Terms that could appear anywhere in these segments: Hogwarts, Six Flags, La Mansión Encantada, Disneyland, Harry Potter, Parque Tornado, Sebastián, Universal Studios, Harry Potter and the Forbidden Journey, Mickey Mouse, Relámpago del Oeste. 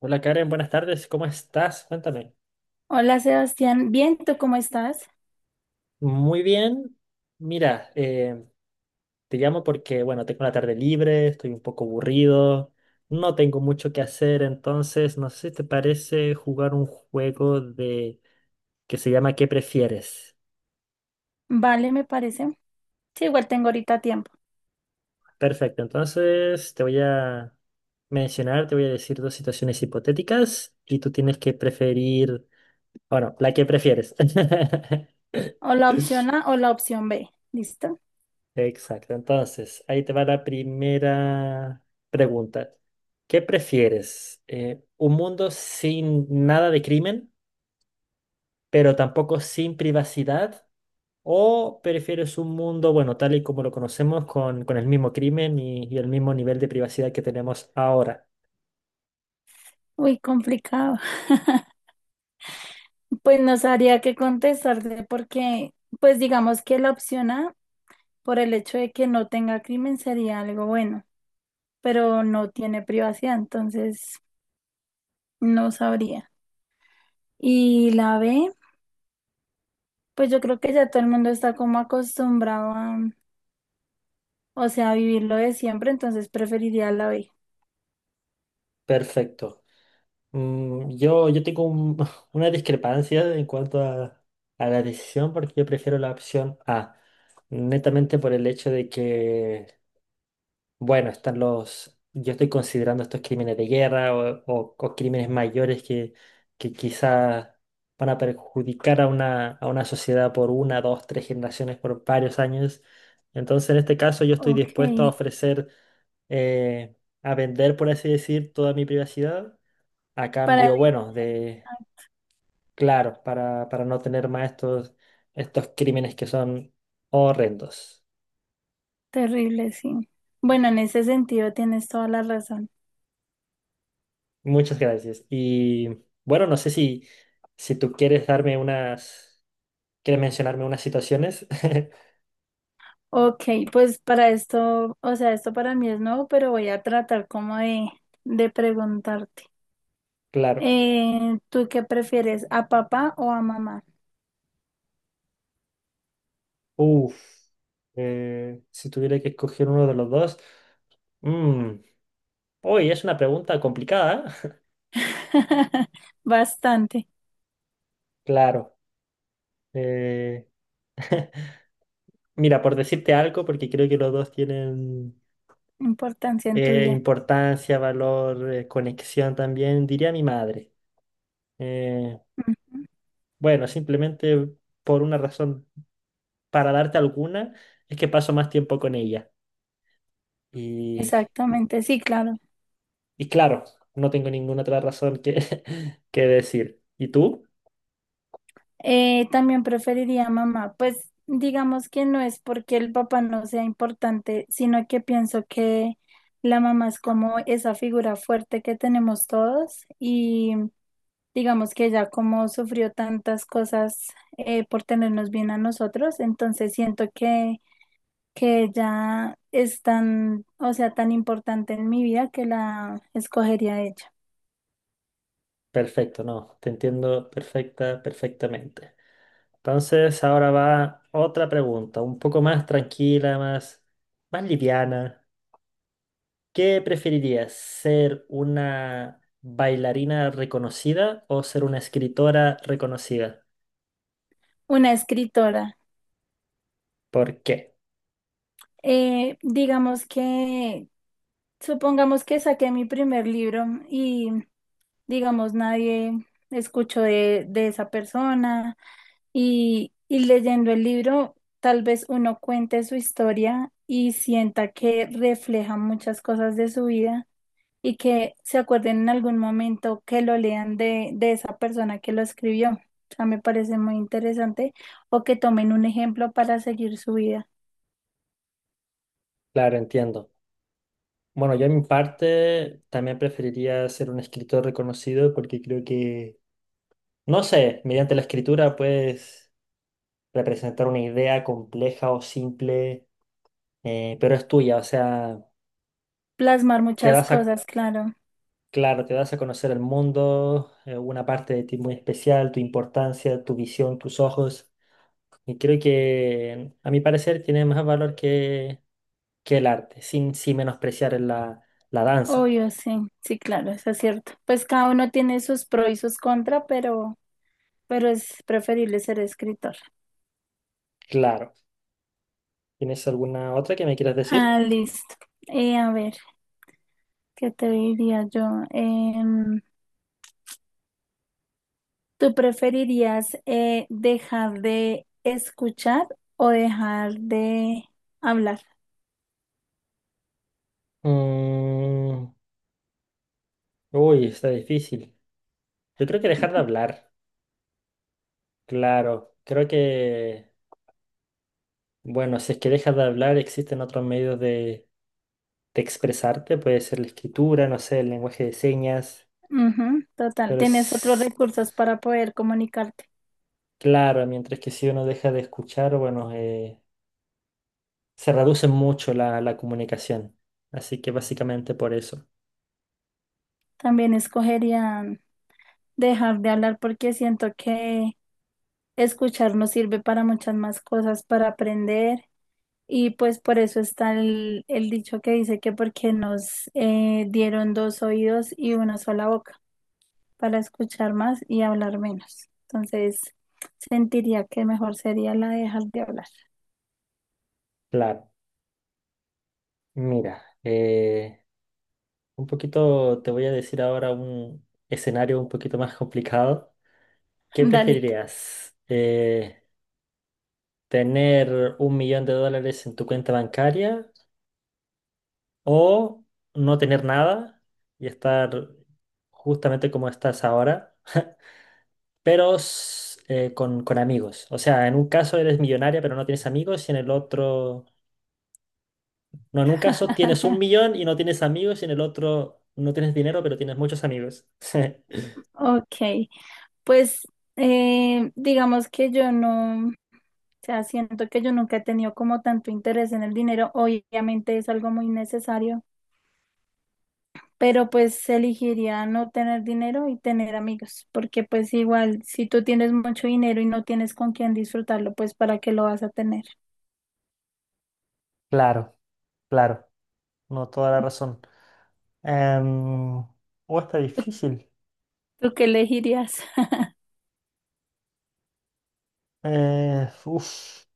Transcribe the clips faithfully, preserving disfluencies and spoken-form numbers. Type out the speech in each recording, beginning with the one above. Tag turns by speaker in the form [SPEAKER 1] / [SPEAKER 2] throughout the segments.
[SPEAKER 1] Hola Karen, buenas tardes, ¿cómo estás? Cuéntame.
[SPEAKER 2] Hola Sebastián, bien, ¿tú cómo estás?
[SPEAKER 1] Muy bien, mira, eh, te llamo porque, bueno, tengo la tarde libre, estoy un poco aburrido, no tengo mucho que hacer, entonces, no sé si te parece jugar un juego de que se llama ¿Qué prefieres?
[SPEAKER 2] Vale, me parece. Sí, igual tengo ahorita tiempo.
[SPEAKER 1] Perfecto, entonces te voy a mencionar, te voy a decir dos situaciones hipotéticas y tú tienes que preferir, bueno, la que prefieres.
[SPEAKER 2] O la opción A o la opción B. ¿Listo?
[SPEAKER 1] Exacto, entonces ahí te va la primera pregunta. ¿Qué prefieres? Eh, ¿un mundo sin nada de crimen, pero tampoco sin privacidad? ¿O prefieres un mundo, bueno, tal y como lo conocemos, con, con el mismo crimen y, y el mismo nivel de privacidad que tenemos ahora?
[SPEAKER 2] Uy, complicado. Pues no sabría qué contestarte porque, pues digamos que la opción A, por el hecho de que no tenga crimen, sería algo bueno, pero no tiene privacidad, entonces no sabría. Y la B, pues yo creo que ya todo el mundo está como acostumbrado a, o sea, a vivirlo de siempre, entonces preferiría la B.
[SPEAKER 1] Perfecto. Mm, yo, yo tengo un- una discrepancia en cuanto a, a la decisión porque yo prefiero la opción A, netamente por el hecho de que... Bueno, están los, yo estoy considerando estos crímenes de guerra o, o- o crímenes mayores que, que quizás van a perjudicar a una, a una sociedad por una, dos, tres generaciones, por varios años. Entonces, en este caso, yo estoy
[SPEAKER 2] Ok.
[SPEAKER 1] dispuesto a ofrecer, eh, a vender, por así decir, toda mi privacidad, a
[SPEAKER 2] Para
[SPEAKER 1] cambio,
[SPEAKER 2] el-
[SPEAKER 1] bueno, de,
[SPEAKER 2] ay.
[SPEAKER 1] claro, para, para no tener más estos, estos crímenes que son horrendos.
[SPEAKER 2] Terrible, sí. Bueno, en ese sentido tienes toda la razón.
[SPEAKER 1] Muchas gracias. Y bueno, no sé si, si tú quieres darme unas, quieres mencionarme unas situaciones.
[SPEAKER 2] Ok, pues para esto, o sea, esto para mí es nuevo, pero voy a tratar como de, de preguntarte.
[SPEAKER 1] Claro.
[SPEAKER 2] Eh, ¿tú qué prefieres, a papá o a mamá?
[SPEAKER 1] Uf. Eh, si tuviera que escoger uno de los dos. Mm, uy, es una pregunta complicada. ¿Eh?
[SPEAKER 2] Bastante
[SPEAKER 1] Claro. eh, mira, por decirte algo, porque creo que los dos tienen
[SPEAKER 2] importancia en tu
[SPEAKER 1] eh,
[SPEAKER 2] vida.
[SPEAKER 1] importancia, valor, eh, conexión también, diría mi madre. Eh,
[SPEAKER 2] Ujú.
[SPEAKER 1] bueno, simplemente por una razón para darte alguna, es que paso más tiempo con ella. Y,
[SPEAKER 2] Exactamente, sí, claro.
[SPEAKER 1] y claro, no tengo ninguna otra razón que, que decir. ¿Y tú?
[SPEAKER 2] Eh, también preferiría a mamá, pues digamos que no es porque el papá no sea importante, sino que pienso que la mamá es como esa figura fuerte que tenemos todos y digamos que ella como sufrió tantas cosas eh, por tenernos bien a nosotros, entonces siento que, que ella es tan, o sea, tan importante en mi vida que la escogería a ella.
[SPEAKER 1] Perfecto, no, te entiendo perfecta, perfectamente. Entonces, ahora va otra pregunta, un poco más tranquila, más, más liviana. ¿Qué preferirías, ser una bailarina reconocida o ser una escritora reconocida?
[SPEAKER 2] Una escritora.
[SPEAKER 1] ¿Por qué?
[SPEAKER 2] Eh, digamos que supongamos que saqué mi primer libro y, digamos, nadie escuchó de, de esa persona y, y leyendo el libro, tal vez uno cuente su historia y sienta que refleja muchas cosas de su vida y que se acuerden en algún momento que lo lean de, de esa persona que lo escribió. O sea, me parece muy interesante o que tomen un ejemplo para seguir su vida.
[SPEAKER 1] Claro, entiendo. Bueno, yo en mi parte también preferiría ser un escritor reconocido porque creo que, no sé, mediante la escritura puedes representar una idea compleja o simple, eh, pero es tuya, o sea,
[SPEAKER 2] Plasmar
[SPEAKER 1] te
[SPEAKER 2] muchas
[SPEAKER 1] das a,
[SPEAKER 2] cosas, claro.
[SPEAKER 1] claro, te das a conocer el mundo, eh, una parte de ti muy especial, tu importancia, tu visión, tus ojos, y creo que, a mi parecer, tiene más valor que, que el arte, sin, sin menospreciar la, la danza.
[SPEAKER 2] Obvio, sí, sí, claro, eso es cierto. Pues cada uno tiene sus pros y sus contras, pero, pero es preferible ser escritor.
[SPEAKER 1] Claro. ¿Tienes alguna otra que me quieras decir?
[SPEAKER 2] Ah, listo. Eh, a ver, ¿qué te diría yo? Em, ¿tú preferirías eh, dejar de escuchar o dejar de hablar?
[SPEAKER 1] Mm, uy, está difícil. Yo creo que dejar de hablar, claro. Creo que, bueno, si es que dejas de hablar, existen otros medios de, de expresarte. Puede ser la escritura, no sé, el lenguaje de señas.
[SPEAKER 2] Ujú, total,
[SPEAKER 1] Pero
[SPEAKER 2] tienes otros
[SPEAKER 1] es
[SPEAKER 2] recursos para poder comunicarte.
[SPEAKER 1] claro, mientras que si uno deja de escuchar, bueno, eh, se reduce mucho la, la comunicación. Así que básicamente por eso.
[SPEAKER 2] También escogería dejar de hablar porque siento que escuchar nos sirve para muchas más cosas, para aprender. Y pues por eso está el, el dicho que dice que porque nos eh, dieron dos oídos y una sola boca para escuchar más y hablar menos. Entonces, sentiría que mejor sería la de dejar de hablar.
[SPEAKER 1] Claro. Mira, eh, un poquito te voy a decir ahora un escenario un poquito más complicado. ¿Qué
[SPEAKER 2] Dale.
[SPEAKER 1] preferirías? Eh, ¿tener un millón de dólares en tu cuenta bancaria o no tener nada y estar justamente como estás ahora, pero s- eh, con, con amigos? O sea, en un caso eres millonaria pero no tienes amigos y en el otro... No, en un caso tienes un millón y no tienes amigos y en el otro no tienes dinero pero tienes muchos amigos.
[SPEAKER 2] Ok, pues eh, digamos que yo no, o sea, siento que yo nunca he tenido como tanto interés en el dinero. Obviamente es algo muy necesario, pero pues elegiría no tener dinero y tener amigos, porque pues igual si tú tienes mucho dinero y no tienes con quién disfrutarlo, pues ¿para qué lo vas a tener?
[SPEAKER 1] Claro, claro, no, toda la razón. Em, oh, está difícil.
[SPEAKER 2] ¿Tú qué elegirías?
[SPEAKER 1] Eh, uf.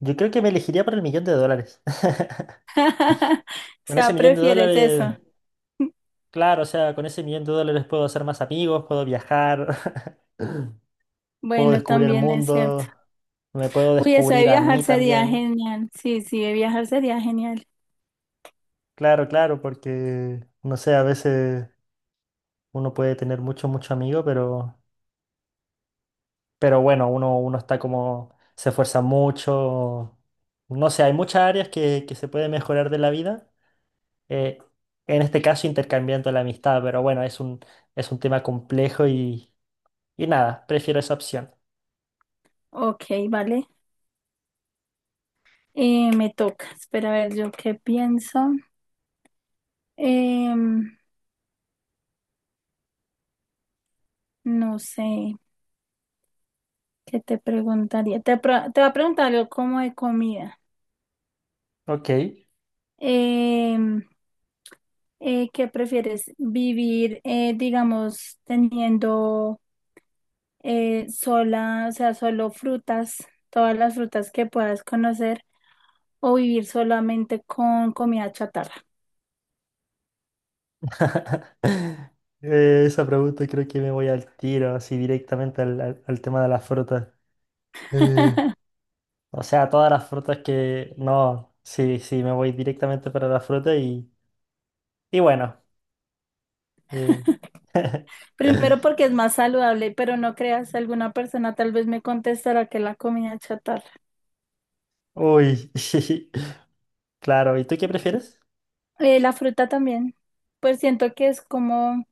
[SPEAKER 1] Yo creo que me elegiría por el millón de dólares.
[SPEAKER 2] O
[SPEAKER 1] Con ese
[SPEAKER 2] sea,
[SPEAKER 1] millón de
[SPEAKER 2] prefieres
[SPEAKER 1] dólares,
[SPEAKER 2] eso.
[SPEAKER 1] claro, o sea, con ese millón de dólares puedo hacer más amigos, puedo viajar, puedo
[SPEAKER 2] Bueno,
[SPEAKER 1] descubrir el
[SPEAKER 2] también es cierto.
[SPEAKER 1] mundo, me puedo
[SPEAKER 2] Uy, eso de
[SPEAKER 1] descubrir a
[SPEAKER 2] viajar
[SPEAKER 1] mí
[SPEAKER 2] sería
[SPEAKER 1] también.
[SPEAKER 2] genial. Sí, sí, de viajar sería genial.
[SPEAKER 1] Claro, claro, porque, no sé, a veces uno puede tener mucho, mucho amigo, pero, pero bueno, uno, uno está como, se esfuerza mucho. No sé, hay muchas áreas que, que se puede mejorar de la vida. eh, en este caso intercambiando la amistad, pero bueno, es un, es un tema complejo y, y nada, prefiero esa opción.
[SPEAKER 2] Ok, vale. Eh, me toca. Espera a ver, yo qué pienso. Em, no sé, ¿qué te preguntaría? Te, pro- te voy a preguntar algo como de comida.
[SPEAKER 1] Ok.
[SPEAKER 2] Em, eh, ¿qué prefieres? ¿Vivir, eh, digamos, teniendo eh, sola, o sea, solo frutas, todas las frutas que puedas conocer, o vivir solamente con comida chatarra?
[SPEAKER 1] Eh, esa pregunta creo que me voy al tiro, así directamente al, al- al tema de las frutas. Eh, o sea, todas las frutas que... No, sí, sí, me voy directamente para la fruta y, y bueno. eh,
[SPEAKER 2] Primero porque es más saludable, pero no creas, alguna persona tal vez me contestará que la comida chatarra.
[SPEAKER 1] Uy, claro, ¿y tú qué prefieres?
[SPEAKER 2] Eh, la fruta también, pues siento que es como...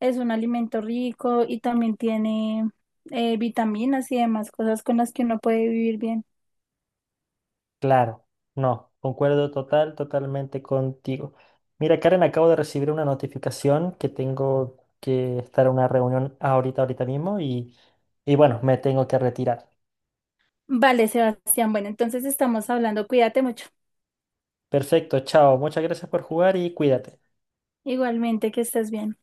[SPEAKER 2] es un alimento rico y también tiene eh, vitaminas y demás cosas con las que uno puede vivir bien.
[SPEAKER 1] Claro, no, concuerdo total, totalmente contigo. Mira, Karen, acabo de recibir una notificación que tengo que estar en una reunión ahorita, ahorita mismo y, y bueno, me tengo que retirar.
[SPEAKER 2] Vale, Sebastián. Bueno, entonces estamos hablando. Cuídate mucho.
[SPEAKER 1] Perfecto, chao, muchas gracias por jugar y cuídate.
[SPEAKER 2] Igualmente, que estés bien.